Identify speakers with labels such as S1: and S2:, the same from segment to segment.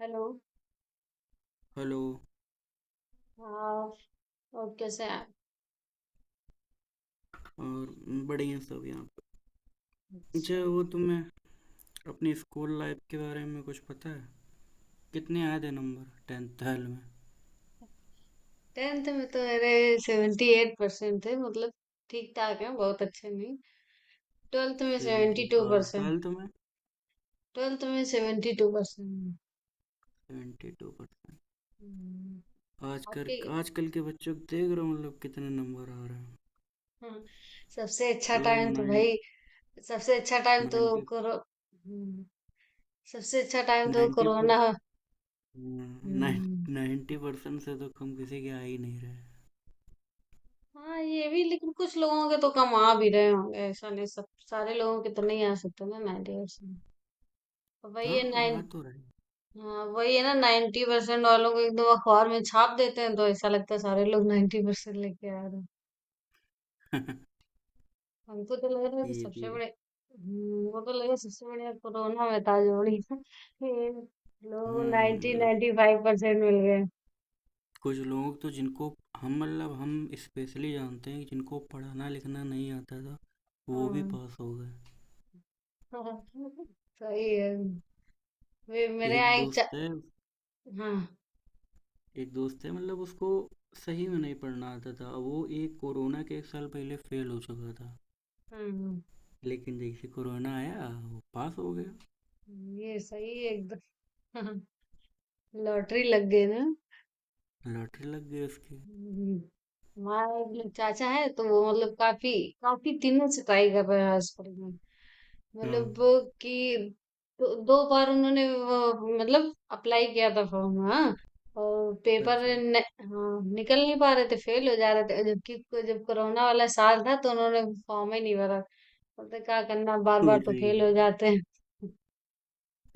S1: Hello.
S2: Hello.
S1: हाँ। और कैसे हैं आप?
S2: और बड़े हैं सब यहाँ पे। अच्छा,
S1: अच्छा।
S2: वो तुम्हें अपनी स्कूल लाइफ के बारे में कुछ पता है, कितने आए थे नंबर टेंथ ट्वेल्थ में?
S1: टेंथ में तो मेरे 78% परसेंट थे, मतलब ठीक ठाक है, बहुत अच्छे नहीं। ट्वेल्थ में
S2: 70। और
S1: 72% टू परसेंट।
S2: ट्वेल्थ में
S1: ट्वेल्थ में 72% टू परसेंट।
S2: 72%। आजकल
S1: आपकी?
S2: आजकल के बच्चों को देख रहा हूँ मतलब कितने नंबर आ रहे हैं।
S1: हाँ, सबसे अच्छा
S2: मतलब
S1: टाइम तो
S2: नाइन
S1: भाई, सबसे अच्छा टाइम तो
S2: नाइन्टी
S1: कोरो सबसे अच्छा टाइम तो
S2: नाइन्टी पर
S1: कोरोना। हम्म,
S2: 90% से तो कम किसी के आ ही नहीं रहे।
S1: हाँ ये भी, लेकिन कुछ लोगों के तो कम आ भी रहे होंगे, ऐसा नहीं सब सारे लोगों के तो नहीं आ सकते ना 90%। वही है नाइन।
S2: हाँ, आ तो रहे।
S1: हाँ, वही है ना, 90% वालों को एकदम अखबार में छाप देते हैं, तो ऐसा लगता है सारे लोग 90% लेके आ रहे हैं। हमको तो लग रहा है कि
S2: ये
S1: सबसे
S2: भी है।
S1: बड़े वो तो लगा सबसे बढ़िया कोरोना में था जोड़ी ये लोग
S2: हाँ,
S1: नाइन्टी
S2: मतलब
S1: नाइन्टी फाइव परसेंट मिल गए।
S2: कुछ लोग तो जिनको हम स्पेशली जानते हैं, जिनको पढ़ना लिखना नहीं आता था, वो भी
S1: हाँ।
S2: पास हो गए।
S1: सही है। वे मेरे
S2: एक
S1: यहाँ एक
S2: दोस्त है।
S1: हाँ
S2: मतलब उसको सही में नहीं पढ़ना आता था, वो एक कोरोना के एक साल पहले फेल हो चुका था।
S1: हाँ। हाँ,
S2: लेकिन जैसे कोरोना आया वो पास हो गया।
S1: ये सही है एकदम। लॉटरी लग गई ना।
S2: लॉटरी लग गई उसकी।
S1: हम्म। हमारा एक लोग चाचा है, तो वो मतलब काफी काफी दिनों से ट्राई कर रहे हैं हॉस्पिटल में।
S2: हाँ।
S1: मतलब वो कि दो, दो बार उन्होंने वो, मतलब अप्लाई किया था फॉर्म, हाँ। और पेपर
S2: अच्छा।
S1: न, हाँ, निकल नहीं पा रहे थे, फेल हो जा रहे थे, जबकि जब कोरोना वाला साल था तो उन्होंने फॉर्म ही नहीं भरा। बोलते क्या करना, बार बार तो
S2: अरे
S1: फेल हो जाते हैं।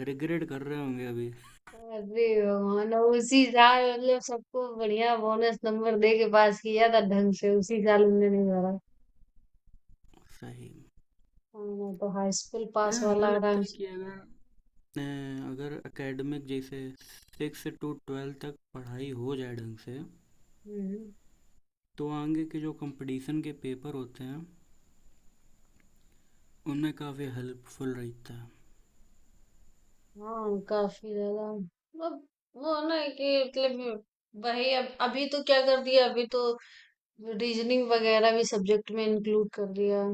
S2: रिग्रेट कर रहे होंगे अभी।
S1: अरे भगवान, और उसी साल मतलब सबको बढ़िया बोनस नंबर दे के पास किया था ढंग से, उसी साल हमने नहीं भरा।
S2: सही में।
S1: हाँ, मैं तो हाई स्कूल
S2: अरे
S1: पास
S2: हमें
S1: वाला था।
S2: लगता है कि अगर अगर एकेडमिक जैसे 6 to 12 तक पढ़ाई हो जाए ढंग से,
S1: हम्म।
S2: तो आगे के जो कंपटीशन के पेपर होते हैं उनमें काफ़ी हेल्पफुल रहता
S1: हाँ काफी ज्यादा। वो वो ना कि मतलब वही, अब अभी तो क्या कर दिया, अभी तो रीजनिंग वगैरह भी सब्जेक्ट में इंक्लूड कर दिया।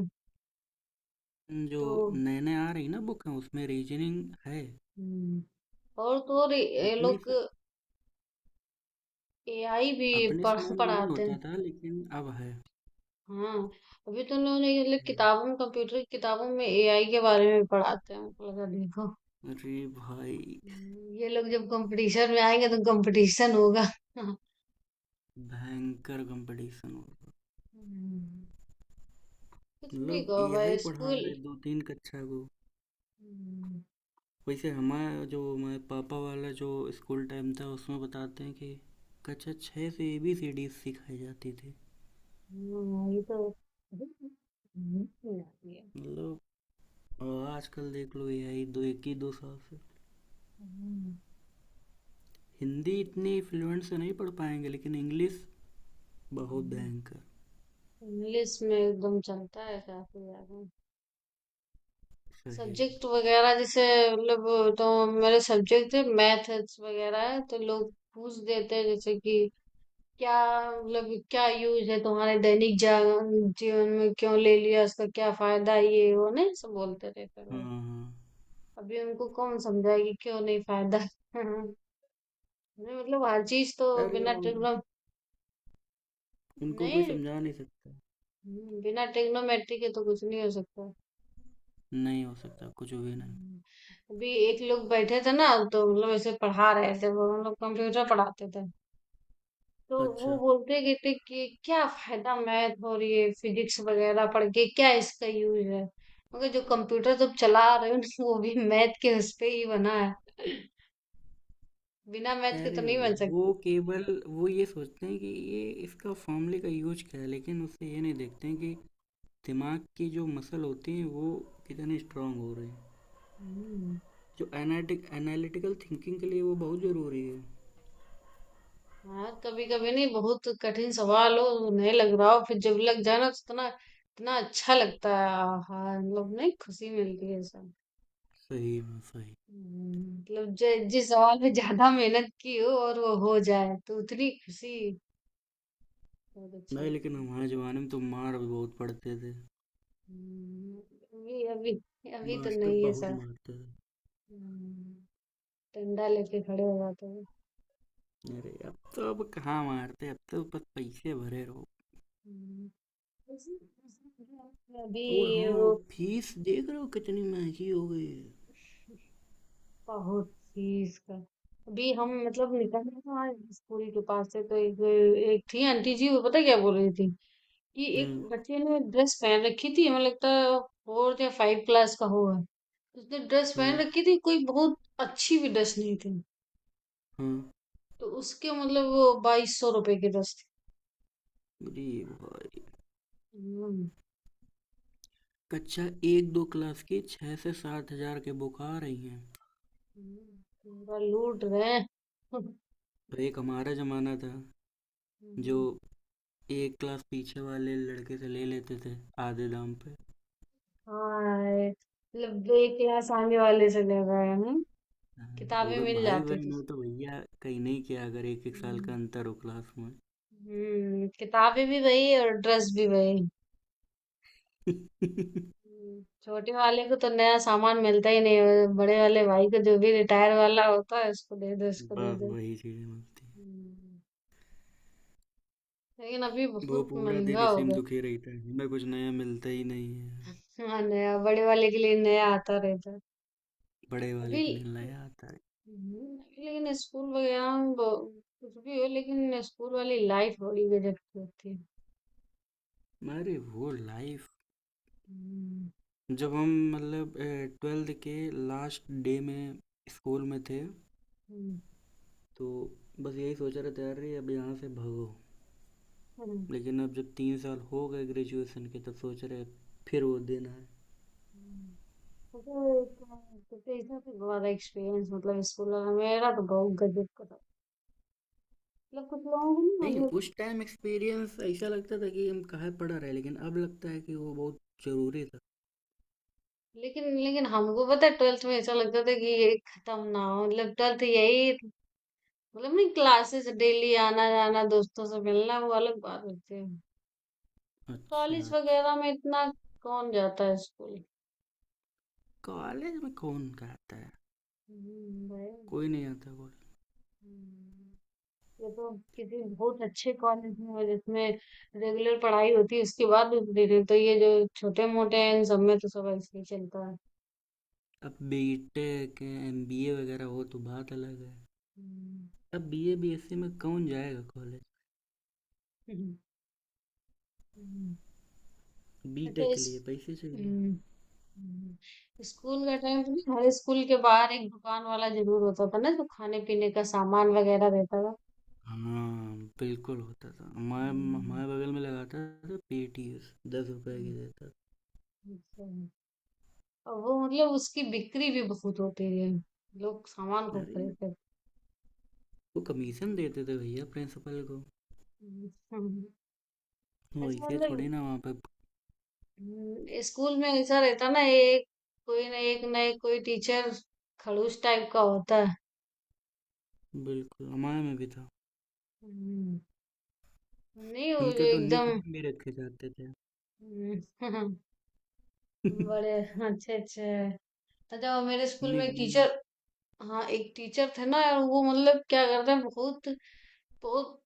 S2: है। जो
S1: तो
S2: नए नए आ रही ना बुक हैं, उसमें रीजनिंग है।
S1: हम्म। और तो और ये
S2: अपने
S1: लोग
S2: स,
S1: एआई भी
S2: अपने
S1: पढ़
S2: समय में नहीं
S1: पढ़ाते हैं।
S2: होता था, लेकिन अब है।
S1: हाँ, अभी तो उन्होंने ये लोग नहीं, मतलब किताबों में, कंप्यूटर की किताबों में एआई के बारे में पढ़ाते हैं, हमको लगा देखो।
S2: अरे भाई
S1: ये लोग जब कंपटीशन में आएंगे तो कंपटीशन होगा।
S2: भयंकर कंपटीशन हो रहा।
S1: हम्म। कुछ भी
S2: मतलब
S1: कहो भाई
S2: यही पढ़ा
S1: स्कूल।
S2: रहे दो तीन कक्षा को।
S1: हम्म।
S2: वैसे हमारा जो हमारे पापा वाला जो स्कूल टाइम था उसमें बताते हैं कि कक्षा छः से ABCD सिखाई जाती थी।
S1: हाँ, ये तो। हम्म। आती है।
S2: मतलब और आजकल देख लो AI दो एक ही 2 साल से।
S1: हम्म।
S2: हिंदी इतनी फ्लुएंट से नहीं पढ़ पाएंगे, लेकिन इंग्लिश बहुत
S1: हम्म।
S2: भयंकर।
S1: इंग्लिश में एकदम चलता है काफी ज्यादा।
S2: सही।
S1: सब्जेक्ट वगैरह जैसे, मतलब तो मेरे सब्जेक्ट है मैथ्स वगैरह है, तो लोग पूछ देते हैं, जैसे कि क्या, मतलब क्या यूज है तुम्हारे दैनिक जीवन में, क्यों ले लिया, उसका क्या फायदा, ये वो नहीं सब बोलते रहते हैं
S2: हाँ,
S1: लोग।
S2: हाँ।
S1: अभी उनको कौन समझाए कि क्यों नहीं फायदा। नहीं मतलब हर चीज तो
S2: अरे
S1: बिना
S2: उन,
S1: ट्रिग्नो
S2: उनको कोई
S1: नहीं।
S2: समझा नहीं सकता।
S1: बिना ट्रिग्नोमेट्री के तो कुछ नहीं हो सकता।
S2: नहीं हो सकता, कुछ भी नहीं।
S1: हम्म। अभी एक लोग बैठे थे ना, तो मतलब ऐसे पढ़ा रहे थे वो, मतलब कंप्यूटर पढ़ाते थे, तो
S2: अच्छा।
S1: वो बोलते कहते कि क्या फायदा मैथ और ये फिजिक्स वगैरह पढ़ के, क्या इसका यूज है। मगर जो कंप्यूटर तुम चला रहे हो ना, वो भी मैथ के उस पे ही बना है, बिना मैथ के
S2: अरे
S1: तो नहीं बन सकता।
S2: वो केवल वो ये सोचते हैं कि ये इसका फॉर्मूले का यूज क्या है, लेकिन उससे ये नहीं देखते हैं कि दिमाग के जो मसल होते हैं वो कितने स्ट्रांग हो रहे हैं।
S1: हम्म।
S2: जो एनालिटिकल थिंकिंग के लिए वो बहुत ज़रूरी है।
S1: हाँ कभी कभी नहीं, बहुत कठिन सवाल हो, नहीं लग रहा हो, फिर जब लग जाए ना, तो इतना इतना अच्छा लगता है। हाँ मतलब नहीं, खुशी मिलती है सब।
S2: सही में सही।
S1: मतलब जिस सवाल में ज्यादा मेहनत की हो और वो हो जाए, तो उतनी खुशी, बहुत अच्छा
S2: नहीं,
S1: लगता
S2: लेकिन
S1: है।
S2: हमारे ज़माने में तो मार भी बहुत पड़ते थे।
S1: हम्म। अभी अभी अभी तो
S2: मास्टर
S1: नहीं है
S2: बहुत
S1: सर।
S2: मारते थे।
S1: हम्म। डंडा लेके खड़े हो जाते हैं।
S2: अरे अब तो अब कहाँ मारते, अब तो बस पैसे भरे रहो।
S1: हम्म। अभी,
S2: और हाँ
S1: वो
S2: फीस देख रहे हो कितनी महंगी हो गई है।
S1: बहुत चीज का। अभी हम मतलब निकल रहे थे वहाँ स्कूल के पास से, तो एक एक थी आंटी जी, वो पता क्या बोल रही थी कि
S2: हाँ,
S1: एक बच्चे ने ड्रेस पहन रखी थी, हमें लगता है फोर्थ या फाइव क्लास का होगा। उसने ड्रेस पहन
S2: हाँ,
S1: रखी थी, कोई बहुत अच्छी भी ड्रेस नहीं थी,
S2: हाँ।
S1: तो उसके मतलब वो ₹2200 की ड्रेस थी।
S2: अरे भाई
S1: हम्म।
S2: कक्षा एक दो क्लास की 6 से 7 हज़ार के बुक आ रही हैं।
S1: पूरा लूट रहे हैं।
S2: एक हमारा जमाना था जो
S1: हम्म।
S2: एक क्लास पीछे वाले लड़के से ले लेते थे, आधे दाम पे। हाँ,
S1: हाय, मतलब एक क्लास आगे वाले चले गए, हम किताबें
S2: अगर
S1: मिल
S2: भाई
S1: जाती थी।
S2: बहन हो तो भैया कहीं नहीं किया अगर एक एक साल का
S1: हम्म।
S2: अंतर हो क्लास में।
S1: किताबें भी वही और ड्रेस भी वही। छोटे वाले को तो नया सामान मिलता ही नहीं है, बड़े वाले भाई को जो भी रिटायर वाला होता है उसको दे दो, इसको दे
S2: बस
S1: दो।
S2: वही चीजें मिलती हैं।
S1: हम्म, लेकिन अभी
S2: वो
S1: बहुत
S2: पूरा दिन
S1: महंगा हो
S2: इसी में
S1: गया।
S2: दुखी रहता है, हमें कुछ नया मिलता ही नहीं है।
S1: हाँ, नया बड़े वाले के लिए नया आता रहता है।
S2: बड़े वाले
S1: अभी
S2: के लिए नया आता है।
S1: हम्म। लेकिन स्कूल वगैरह में कुछ भी हो, लेकिन स्कूल वाली लाइफ बड़ी गजब की होती है।
S2: अरे वो लाइफ,
S1: हम्म।
S2: जब हम मतलब ट्वेल्थ के लास्ट डे में स्कूल में थे,
S1: हम्म।
S2: तो बस यही सोच रहे थे अरे अब यहाँ से भागो।
S1: हम्म।
S2: लेकिन अब जब 3 साल हो गए ग्रेजुएशन के, तो सोच रहे हैं फिर वो देना है।
S1: हम्म। तो इसमें तो बहुत एक्सपीरियंस, मतलब स्कूल वाला मेरा तो बहुत गजब का था। मतलब कुछ लोगों को ना
S2: नहीं
S1: मतलब।
S2: उस टाइम एक्सपीरियंस ऐसा लगता था कि हम कहाँ पढ़ा रहे, लेकिन अब लगता है कि वो बहुत ज़रूरी था।
S1: लेकिन लेकिन हमको पता है ट्वेल्थ में ऐसा लगता था कि ये खत्म ना हो, मतलब ट्वेल्थ यही, मतलब नहीं, क्लासेस डेली आना जाना दोस्तों से मिलना, वो अलग बात होती है।
S2: अच्छा,
S1: कॉलेज
S2: अच्छा।
S1: वगैरह में इतना कौन जाता है स्कूल।
S2: कॉलेज में कौन कहता है,
S1: भाई।
S2: कोई नहीं आता कॉलेज।
S1: हुँ। ये तो किसी बहुत अच्छे कॉलेज में जिसमें रेगुलर पढ़ाई होती है उसके बाद भी दे रहे, तो ये जो छोटे-मोटे हैं इन सब में तो सब ऐसे ही चलता है।
S2: अब B.Tech MBA वगैरह हो तो बात अलग है।
S1: हुँ।
S2: अब BA BSc में कौन जाएगा कॉलेज।
S1: हुँ। हुँ।
S2: बी
S1: अच्छा
S2: टेक के
S1: इस।
S2: लिए पैसे चाहिए।
S1: हुँ। हुँ। स्कूल का टाइम तो, नहीं हर स्कूल के बाहर एक दुकान वाला ज़रूर होता था ना जो खाने-पीने का सामान वगैरह रहता था?
S2: हाँ बिल्कुल होता था, हमारे
S1: हुँ।
S2: हमारे बगल में लगाता था। पीटीएस ₹10
S1: हुँ।
S2: की देता
S1: अच्छा। और वो मतलब उसकी बिक्री भी बहुत होती है। लोग सामान
S2: था।
S1: खूब
S2: अरे
S1: खरीदते थे।
S2: वो कमीशन देते थे भैया प्रिंसिपल को।
S1: हुँ। हुँ।
S2: वो
S1: अच्छा
S2: ऐसे थोड़ी
S1: मतलब
S2: ना वहाँ पे।
S1: स्कूल में ऐसा रहता ना, एक कोई ना, एक ना एक कोई टीचर खड़ूस टाइप का होता है।
S2: बिल्कुल हमारे में भी था।
S1: हम्म। नहीं वो जो
S2: उनके तो निक
S1: एकदम।
S2: नेम भी रखे जाते थे।
S1: हम्म।
S2: निक
S1: बड़े अच्छे अच्छे हैं। अच्छा, वो मेरे स्कूल में एक
S2: नेम।
S1: टीचर, हाँ एक टीचर थे ना यार, वो मतलब क्या करते हैं, बहुत बहुत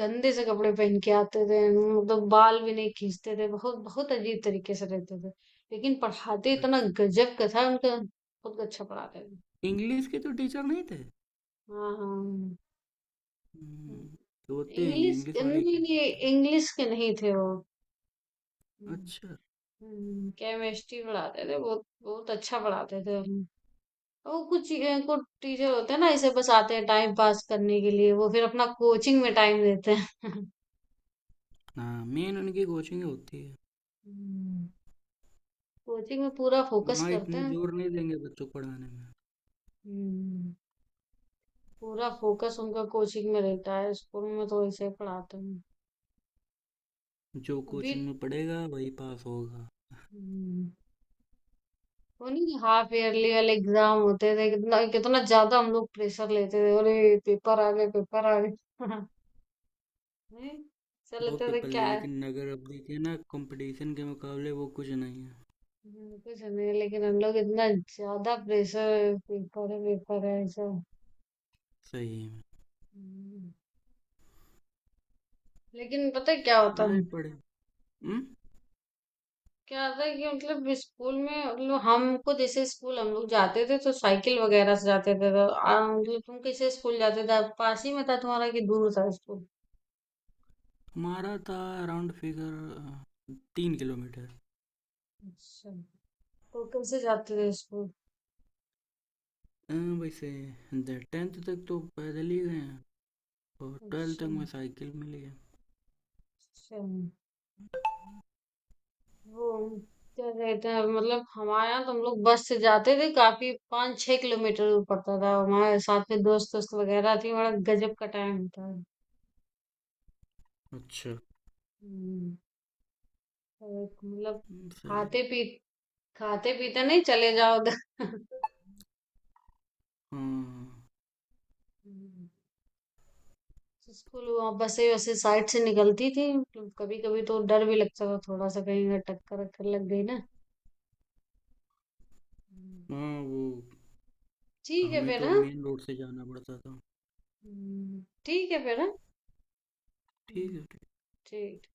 S1: गंदे से कपड़े पहन के आते थे, मतलब बाल भी नहीं खींचते थे, बहुत बहुत अजीब तरीके से रहते थे, लेकिन पढ़ाते इतना
S2: अच्छा,
S1: गजब का था उनका, बहुत अच्छा पढ़ाते थे।
S2: इंग्लिश के तो टीचर नहीं थे?
S1: हाँ हाँ।
S2: हम्म, तो होते हैं ये
S1: इंग्लिश
S2: इंग्लिश
S1: के
S2: वाले ही होते
S1: नहीं, नहीं
S2: हैं।
S1: इंग्लिश के नहीं थे वो,
S2: अच्छा।
S1: केमिस्ट्री पढ़ाते थे, बहुत बहुत अच्छा पढ़ाते थे हमें। वो कुछ कुछ टीचर होते हैं ना ऐसे, बस आते हैं टाइम पास करने के लिए, वो फिर अपना कोचिंग में टाइम देते हैं।
S2: हाँ मेन उनकी कोचिंग होती है।
S1: कोचिंग में पूरा फोकस
S2: वहाँ
S1: करते
S2: इतना
S1: हैं,
S2: जोर नहीं देंगे बच्चों को पढ़ाने में।
S1: पूरा फोकस उनका कोचिंग में रहता है, स्कूल में तो ऐसे ही पढ़ाते हैं।
S2: जो कोचिंग में पढ़ेगा वही पास होगा।
S1: अभी वो नहीं, हाफ ईयरली वाले एग्जाम होते थे, कितना कितना ज्यादा हम लोग प्रेशर लेते थे, अरे पेपर आ गए नहीं, ऐसा
S2: बहुत
S1: लगता था
S2: पेपर
S1: क्या
S2: ले,
S1: है।
S2: लेकिन नगर अवधि के ना कंपटीशन के मुकाबले वो कुछ नहीं है।
S1: कुछ नहीं लेकिन हम लोग इतना ज्यादा प्रेशर, पेपर है ऐसा।
S2: सही में।
S1: हम्म। लेकिन पता है क्या होता
S2: लड़ाई
S1: है,
S2: पड़े। हम्म।
S1: क्या होता है कि, मतलब स्कूल में, मतलब हमको जैसे स्कूल हम लोग जाते थे तो साइकिल वगैरह से जाते थे, तो मतलब तुम कैसे स्कूल जाते थे, पास ही में था तुम्हारा कि दूर था स्कूल?
S2: हमारा था अराउंड फिगर 3 किलोमीटर।
S1: अच्छा, तो कैसे जाते थे स्कूल?
S2: अ, वैसे टेंथ तक तो पैदल ही गए हैं, और ट्वेल्थ
S1: अच्छा,
S2: तक मैं साइकिल में लिया।
S1: अच्छा, वो क्या कहते हैं, मतलब हमारे यहाँ तो हम लोग बस से जाते थे, काफी 5-6 किलोमीटर दूर पड़ता था, हमारे साथ में दोस्त दोस्त वगैरह थी, बड़ा गजब का टाइम होता है।
S2: अच्छा।
S1: हम्म। तो एक मतलब
S2: सही
S1: खाते
S2: है।
S1: पी खाते पीते नहीं चले जाओ उधर।
S2: हाँ,
S1: हम्म। स्कूल वहाँ बसें वैसे साइड से निकलती थी, तो कभी कभी तो डर भी लगता था थोड़ा सा, कहीं अगर टक्कर वक्कर लग गई ना। हम्म,
S2: हाँ, वो
S1: ठीक है
S2: हमें
S1: फिर
S2: तो
S1: हाँ।
S2: मेन रोड से जाना पड़ता था।
S1: ठीक है फिर हाँ।
S2: ठीक
S1: हम्म,
S2: है, ठीक।
S1: ठीक